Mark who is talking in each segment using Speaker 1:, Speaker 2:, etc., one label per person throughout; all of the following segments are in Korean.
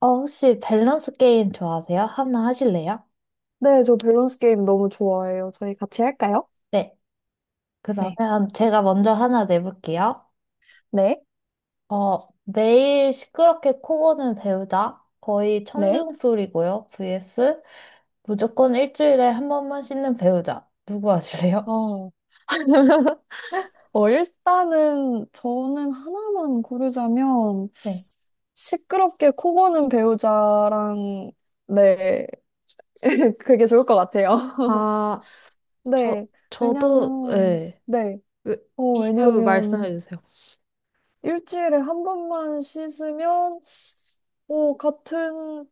Speaker 1: 혹시 밸런스 게임 좋아하세요? 하나 하실래요?
Speaker 2: 네, 저 밸런스 게임 너무 좋아해요. 저희 같이 할까요?
Speaker 1: 네.
Speaker 2: 네.
Speaker 1: 그러면 제가 먼저 하나 내볼게요.
Speaker 2: 네,
Speaker 1: 어, 매일 시끄럽게 코 고는 배우자. 거의
Speaker 2: 네.
Speaker 1: 청중소리고요. vs 무조건 일주일에 한 번만 씻는 배우자. 누구 하실래요?
Speaker 2: 어, 일단은 저는 하나만 고르자면
Speaker 1: 네.
Speaker 2: 시끄럽게 코 고는 배우자랑 네, 그게 좋을 것 같아요.
Speaker 1: 아, 저,
Speaker 2: 네,
Speaker 1: 저도,
Speaker 2: 왜냐면
Speaker 1: 예.
Speaker 2: 네,
Speaker 1: 왜-
Speaker 2: 어,
Speaker 1: 이유
Speaker 2: 왜냐면
Speaker 1: 말씀해 주세요.
Speaker 2: 일주일에 한 번만 씻으면, 오, 같은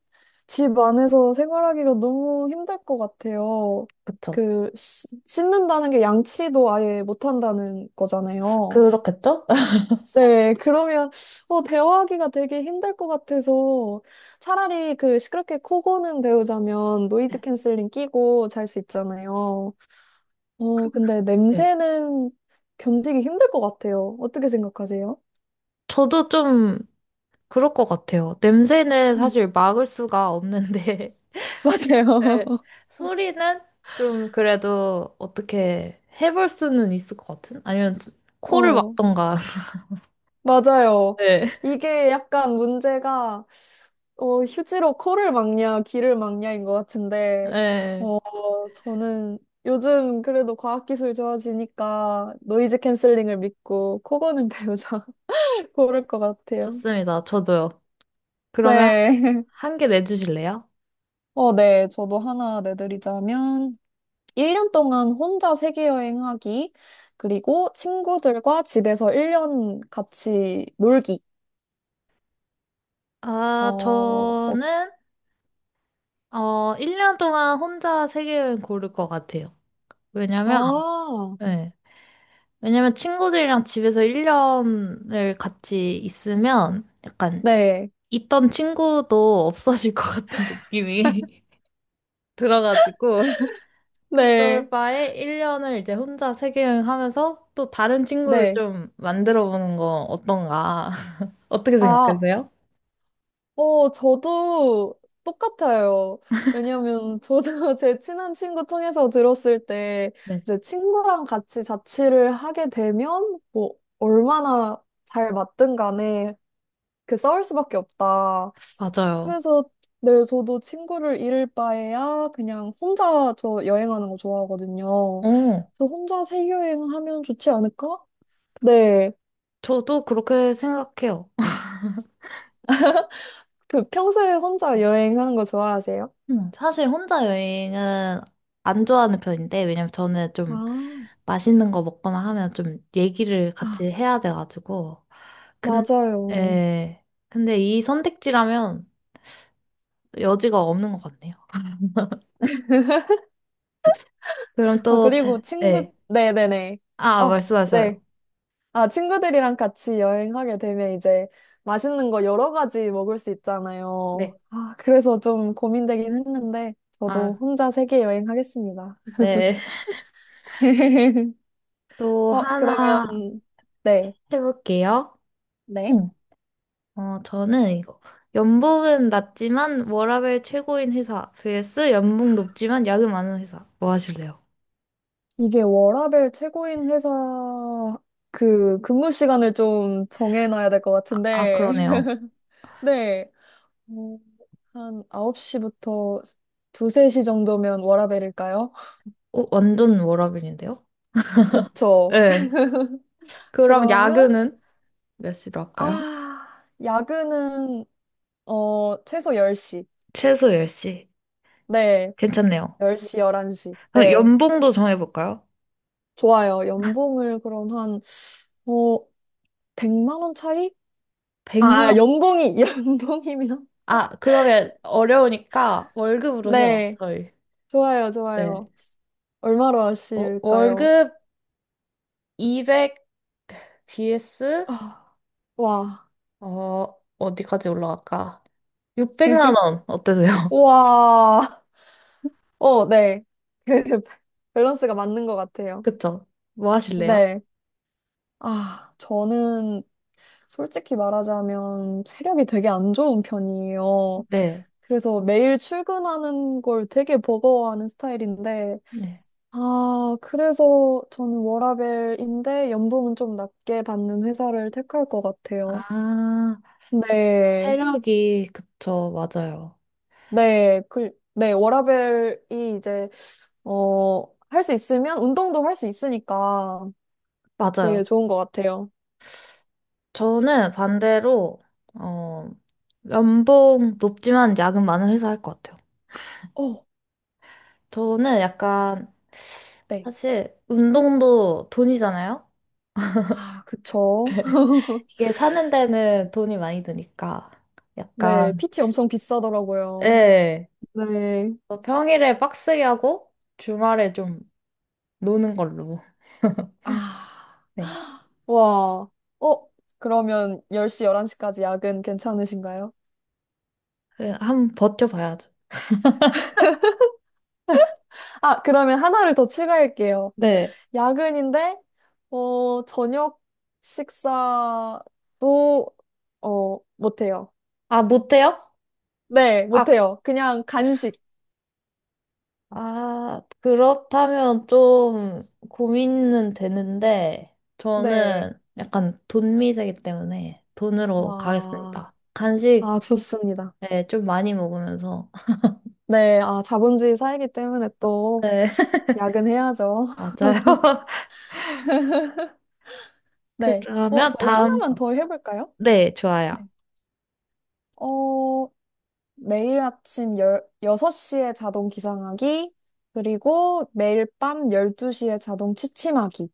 Speaker 2: 집 안에서 생활하기가 너무 힘들 것 같아요.
Speaker 1: 그쵸.
Speaker 2: 그, 씻는다는 게 양치도 아예 못한다는 거잖아요.
Speaker 1: 그렇겠죠?
Speaker 2: 네, 그러면, 대화하기가 되게 힘들 것 같아서 차라리 그 시끄럽게 코 고는 배우자면 노이즈
Speaker 1: 네.
Speaker 2: 캔슬링 끼고 잘 수 있잖아요.
Speaker 1: 그-
Speaker 2: 근데
Speaker 1: 네.
Speaker 2: 냄새는 견디기 힘들 것 같아요. 어떻게 생각하세요?
Speaker 1: 저도 좀 그럴 것 같아요. 냄새는
Speaker 2: 음.
Speaker 1: 사실 막을 수가 없는데, 네.
Speaker 2: 맞아요.
Speaker 1: 소리는 좀 그래도 어떻게 해볼 수는 있을 것 같은? 아니면 코를
Speaker 2: 어,
Speaker 1: 막던가.
Speaker 2: 맞아요.
Speaker 1: 네.
Speaker 2: 이게 약간 문제가, 휴지로 코를 막냐, 귀를 막냐인 것 같은데,
Speaker 1: 네.
Speaker 2: 어, 저는 요즘 그래도 과학기술 좋아지니까 노이즈 캔슬링을 믿고 코 고는 배우자 고를 것 같아요.
Speaker 1: 좋습니다. 저도요. 그러면
Speaker 2: 네.
Speaker 1: 한 개 내주실래요?
Speaker 2: 어, 네. 저도 하나 내드리자면, 일 년 동안 혼자 세계 여행하기, 그리고 친구들과 집에서 일 년 같이 놀기.
Speaker 1: 아,
Speaker 2: 어, 어,
Speaker 1: 저는, 1년 동안 혼자 세계여행 고를 것 같아요. 왜냐면,
Speaker 2: 아,
Speaker 1: 네. 왜냐면 친구들이랑 집에서 1년을 같이 있으면 약간
Speaker 2: 네,
Speaker 1: 있던 친구도 없어질 것 같은 느낌이 들어가지고. 그럴
Speaker 2: 네,
Speaker 1: 바에 1년을 이제 혼자 세계 여행하면서 또 다른 친구를
Speaker 2: 네.
Speaker 1: 좀 만들어 보는 거 어떤가? 어떻게
Speaker 2: 아,
Speaker 1: 생각하세요?
Speaker 2: 저도 똑같아요. 왜냐면 저도 제 친한 친구 통해서 들었을 때,
Speaker 1: 네.
Speaker 2: 이제 친구랑 같이 자취를 하게 되면, 뭐, 얼마나 잘 맞든 간에 그 싸울 수밖에 없다.
Speaker 1: 맞아요.
Speaker 2: 그래서, 네, 저도 친구를 잃을 바에야 그냥 혼자 저 여행하는 거 좋아하거든요.
Speaker 1: 어,
Speaker 2: 저 혼자 세계여행하면 좋지 않을까? 네.
Speaker 1: 저도 그렇게 생각해요.
Speaker 2: 그 평소에 혼자 여행하는 거 좋아하세요?
Speaker 1: 사실 혼자 여행은 안 좋아하는 편인데, 왜냐면 저는 좀
Speaker 2: 아,
Speaker 1: 맛있는 거 먹거나 하면 좀 얘기를 같이
Speaker 2: 아,
Speaker 1: 해야 돼가지고. 근,
Speaker 2: 맞아요.
Speaker 1: 에, 근데 이 선택지라면 여지가 없는 것 같네요. 그럼
Speaker 2: 아,
Speaker 1: 또,
Speaker 2: 그리고 친구,
Speaker 1: 네.
Speaker 2: 네네네.
Speaker 1: 아,
Speaker 2: 아, 네.
Speaker 1: 말씀하셔요.
Speaker 2: 아, 친구들이랑 같이 여행하게 되면 이제 맛있는 거 여러 가지 먹을 수 있잖아요.
Speaker 1: 네.
Speaker 2: 아, 그래서 좀 고민되긴 했는데, 저도
Speaker 1: 아,
Speaker 2: 혼자 세계 여행하겠습니다.
Speaker 1: 네. 또
Speaker 2: 그러면,
Speaker 1: 하나
Speaker 2: 네.
Speaker 1: 해볼게요.
Speaker 2: 네.
Speaker 1: 응. 저는 이거. 연봉은 낮지만 워라밸 최고인 회사 vs 연봉 높지만 야근 많은 회사. 뭐 하실래요?
Speaker 2: 이게 워라밸 최고인 회사 그 근무 시간을 좀 정해놔야 될 것
Speaker 1: 아, 아,
Speaker 2: 같은데.
Speaker 1: 그러네요.
Speaker 2: 네. 어, 한 9시부터 2, 3시 정도면 워라밸일까요?
Speaker 1: 완전 워라밸인데요?
Speaker 2: 그쵸.
Speaker 1: 네. 그럼
Speaker 2: 그러면,
Speaker 1: 야근은 몇 시로 할까요?
Speaker 2: 아, 야근은, 최소 10시.
Speaker 1: 최소 10시.
Speaker 2: 네.
Speaker 1: 괜찮네요.
Speaker 2: 10시, 11시.
Speaker 1: 그럼
Speaker 2: 네.
Speaker 1: 연봉도 정해볼까요?
Speaker 2: 좋아요. 연봉을 그럼 한, 어, 100만 원 차이? 아,
Speaker 1: 100년.
Speaker 2: 연봉이, 연봉이면?
Speaker 1: 아, 그러면 어려우니까 월급으로 해요,
Speaker 2: 네.
Speaker 1: 저희.
Speaker 2: 좋아요,
Speaker 1: 네.
Speaker 2: 좋아요. 얼마로 하실까요?
Speaker 1: 월급 BS
Speaker 2: 아, 와.
Speaker 1: 어디까지 올라갈까? 600만 원 어떠세요?
Speaker 2: 와. 어, 네. 그 밸런스가 맞는 것 같아요.
Speaker 1: 그쵸? 뭐 하실래요?
Speaker 2: 네. 아, 저는 솔직히 말하자면 체력이 되게 안 좋은 편이에요.
Speaker 1: 네.
Speaker 2: 그래서 매일 출근하는 걸 되게 버거워하는 스타일인데,
Speaker 1: 네.
Speaker 2: 아, 그래서 저는 워라밸인데 연봉은 좀 낮게 받는 회사를 택할 것 같아요.
Speaker 1: 아, 좀
Speaker 2: 네,
Speaker 1: 체력이 그쵸, 맞아요.
Speaker 2: 네, 그, 네, 워라밸이 이제, 어, 할 수 있으면 운동도 할 수 있으니까
Speaker 1: 맞아요.
Speaker 2: 되게 좋은 것 같아요.
Speaker 1: 저는 반대로 어 연봉 높지만 야근 많은 회사 할 것 같아요.
Speaker 2: 어,
Speaker 1: 저는 약간
Speaker 2: 네.
Speaker 1: 사실 운동도 돈이잖아요.
Speaker 2: 아, 그쵸.
Speaker 1: 이게 사는 데는 돈이 많이 드니까
Speaker 2: 네,
Speaker 1: 약간
Speaker 2: PT 엄청 비싸더라고요.
Speaker 1: 예.
Speaker 2: 네.
Speaker 1: 평일에 빡세게 하고 주말에 좀 노는 걸로.
Speaker 2: 아,
Speaker 1: 네.
Speaker 2: 와. 어, 그러면 10시, 11시까지 야근 괜찮으신가요?
Speaker 1: 그, 한번 버텨봐야죠.
Speaker 2: 아, 그러면 하나를 더 추가할게요.
Speaker 1: 네.
Speaker 2: 야근인데, 저녁 식사도, 못해요.
Speaker 1: 아, 못해요?
Speaker 2: 네,
Speaker 1: 아,
Speaker 2: 못해요. 그냥 간식.
Speaker 1: 아, 그렇다면 좀 고민은 되는데
Speaker 2: 네.
Speaker 1: 저는 약간 돈 미세이기 때문에 돈으로
Speaker 2: 와.
Speaker 1: 가겠습니다. 간식
Speaker 2: 아, 좋습니다.
Speaker 1: 네, 좀 많이 먹으면서.
Speaker 2: 네, 아, 자본주의 사회이기 때문에 또
Speaker 1: 네,
Speaker 2: 야근해야죠.
Speaker 1: 맞아요.
Speaker 2: 네. 어,
Speaker 1: 그러면
Speaker 2: 저희
Speaker 1: 다음,
Speaker 2: 하나만 더 해볼까요?
Speaker 1: 네, 좋아요.
Speaker 2: 네. 어, 매일 아침 열, 6시에 자동 기상하기, 그리고 매일 밤 12시에 자동 취침하기.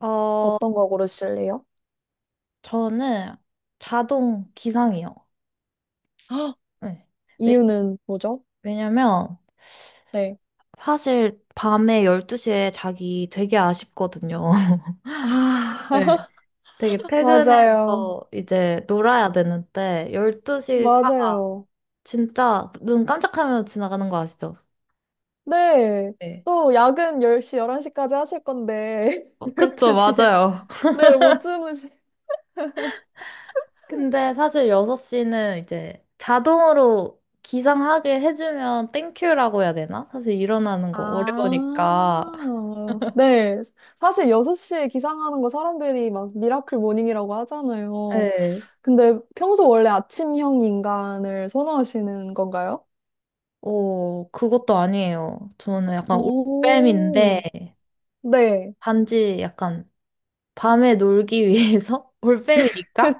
Speaker 1: 어,
Speaker 2: 어떤 거 고르실래요?
Speaker 1: 저는 자동 기상이요.
Speaker 2: 아,
Speaker 1: 네.
Speaker 2: 이유는 뭐죠?
Speaker 1: 왜냐면
Speaker 2: 네.
Speaker 1: 사실 밤에 12시에 자기 되게 아쉽거든요.
Speaker 2: 아,
Speaker 1: 네. 되게
Speaker 2: 맞아요.
Speaker 1: 퇴근해서 이제 놀아야 되는데 12시가
Speaker 2: 맞아요.
Speaker 1: 진짜 눈 깜짝하면 지나가는 거 아시죠?
Speaker 2: 네.
Speaker 1: 네.
Speaker 2: 또 야근 10시, 11시까지 하실 건데,
Speaker 1: 그쵸,
Speaker 2: 12시에.
Speaker 1: 맞아요.
Speaker 2: 네, 못 주무시.
Speaker 1: 근데 사실 6시는 이제 자동으로 기상하게 해주면 땡큐라고 해야 되나? 사실 일어나는 거 어려우니까.
Speaker 2: 아, 네. 사실 6시에 기상하는 거 사람들이 막 미라클 모닝이라고 하잖아요.
Speaker 1: 네.
Speaker 2: 근데 평소 원래 아침형 인간을 선호하시는 건가요?
Speaker 1: 그것도 아니에요. 저는 약간 올빼미인데,
Speaker 2: 오, 네.
Speaker 1: 단지 약간 밤에 놀기 위해서? 올빼미니까?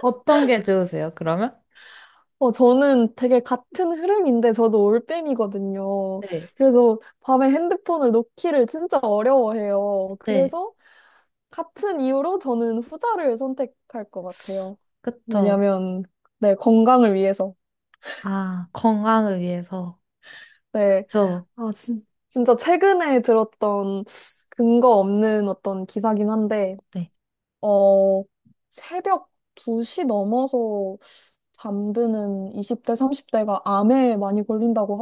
Speaker 1: 어떤 게 좋으세요, 그러면?
Speaker 2: 어, 저는 되게 같은 흐름인데 저도 올빼미거든요.
Speaker 1: 네,
Speaker 2: 그래서 밤에 핸드폰을 놓기를 진짜 어려워해요.
Speaker 1: 네,
Speaker 2: 그래서 같은 이유로 저는 후자를 선택할 것 같아요.
Speaker 1: 그쵸.
Speaker 2: 왜냐면, 네, 건강을 위해서.
Speaker 1: 아, 건강을 위해서.
Speaker 2: 네.
Speaker 1: 그쵸.
Speaker 2: 아, 진짜 최근에 들었던 근거 없는 어떤 기사긴 한데,
Speaker 1: 네.
Speaker 2: 어, 새벽 2시 넘어서 잠드는 20대, 30대가 암에 많이 걸린다고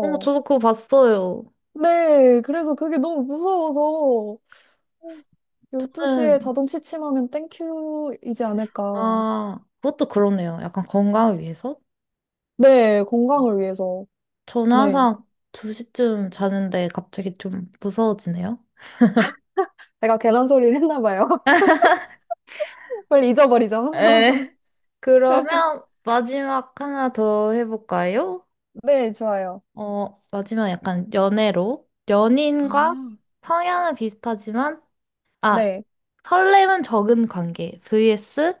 Speaker 1: 저도 그거 봤어요.
Speaker 2: 네, 그래서 그게 너무 무서워서 12시에
Speaker 1: 저는,
Speaker 2: 자동 취침하면 땡큐이지 않을까.
Speaker 1: 아, 그것도 그러네요. 약간 건강을 위해서?
Speaker 2: 네, 건강을 위해서.
Speaker 1: 저는
Speaker 2: 네.
Speaker 1: 항상 2시쯤 자는데 갑자기 좀 무서워지네요.
Speaker 2: 제가 괜한 소리를 했나 봐요. 빨리 잊어버리죠.
Speaker 1: 에, 그러면 마지막 하나 더 해볼까요?
Speaker 2: 네, 좋아요.
Speaker 1: 마지막 약간 연애로. 연인과
Speaker 2: 아,
Speaker 1: 성향은 비슷하지만 아,
Speaker 2: 네.
Speaker 1: 설렘은 적은 관계. vs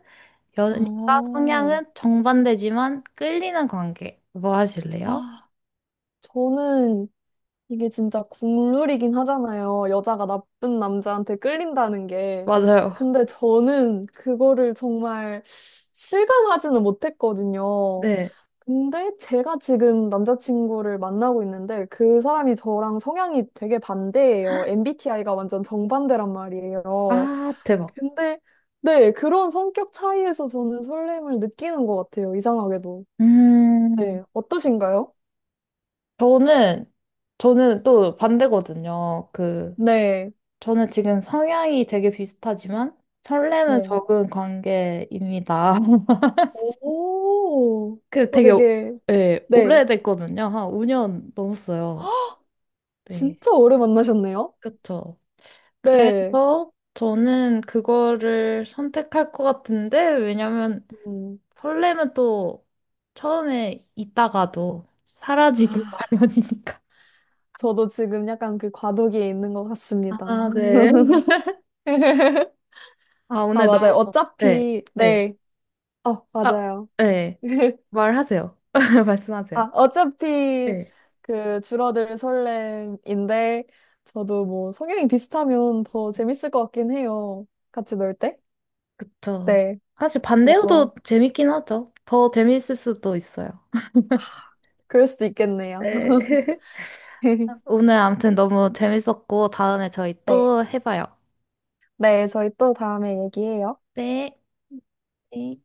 Speaker 1: 연인과
Speaker 2: 아,
Speaker 1: 성향은 정반대지만 끌리는 관계. 뭐 하실래요?
Speaker 2: 아, 저는 이게 진짜 국룰이긴 하잖아요. 여자가 나쁜 남자한테 끌린다는 게.
Speaker 1: 맞아요.
Speaker 2: 근데 저는 그거를 정말 실감하지는 못했거든요.
Speaker 1: 네.
Speaker 2: 근데 제가 지금 남자친구를 만나고 있는데 그 사람이 저랑 성향이 되게 반대예요. MBTI가 완전 정반대란 말이에요.
Speaker 1: 아, 대박.
Speaker 2: 근데 네, 그런 성격 차이에서 저는 설렘을 느끼는 것 같아요. 이상하게도.
Speaker 1: 음,
Speaker 2: 네, 어떠신가요?
Speaker 1: 저는, 저는 또 반대거든요. 그,
Speaker 2: 네,
Speaker 1: 저는 지금 성향이 되게 비슷하지만 설렘은
Speaker 2: 네.
Speaker 1: 적은 관계입니다.
Speaker 2: 오,
Speaker 1: 그
Speaker 2: 어,
Speaker 1: 되게, 오-
Speaker 2: 되게,
Speaker 1: 예,
Speaker 2: 네.
Speaker 1: 오래됐거든요. 한 5년 넘었어요. 네.
Speaker 2: 진짜 오래 만나셨네요?
Speaker 1: 그쵸.
Speaker 2: 네.
Speaker 1: 그래서 저는 그거를 선택할 것 같은데, 왜냐면
Speaker 2: 음.
Speaker 1: 설렘은 또 처음에 있다가도 사라지기
Speaker 2: 아,
Speaker 1: 마련이니까.
Speaker 2: 저도 지금 약간 그 과도기에 있는 것 같습니다.
Speaker 1: 아, 네. 아,
Speaker 2: 아,
Speaker 1: 오늘
Speaker 2: 맞아요.
Speaker 1: 너무, 네,
Speaker 2: 어차피,
Speaker 1: 네.
Speaker 2: 네. 어,
Speaker 1: 아,
Speaker 2: 맞아요.
Speaker 1: 네. 말하세요. 말씀하세요.
Speaker 2: 아, 어차피
Speaker 1: 네.
Speaker 2: 그 줄어들 설렘인데, 저도 뭐 성향이 비슷하면 더 재밌을 것 같긴 해요. 같이 놀 때?
Speaker 1: 그쵸.
Speaker 2: 네.
Speaker 1: 사실
Speaker 2: 그래서,
Speaker 1: 반대여도 재밌긴 하죠. 더 재밌을 수도 있어요.
Speaker 2: 그럴 수도 있겠네요.
Speaker 1: 네. 오늘 아무튼 너무 재밌었고, 다음에 저희
Speaker 2: 네.
Speaker 1: 또 해봐요.
Speaker 2: 네, 저희 또 다음에 얘기해요.
Speaker 1: 네.
Speaker 2: 네.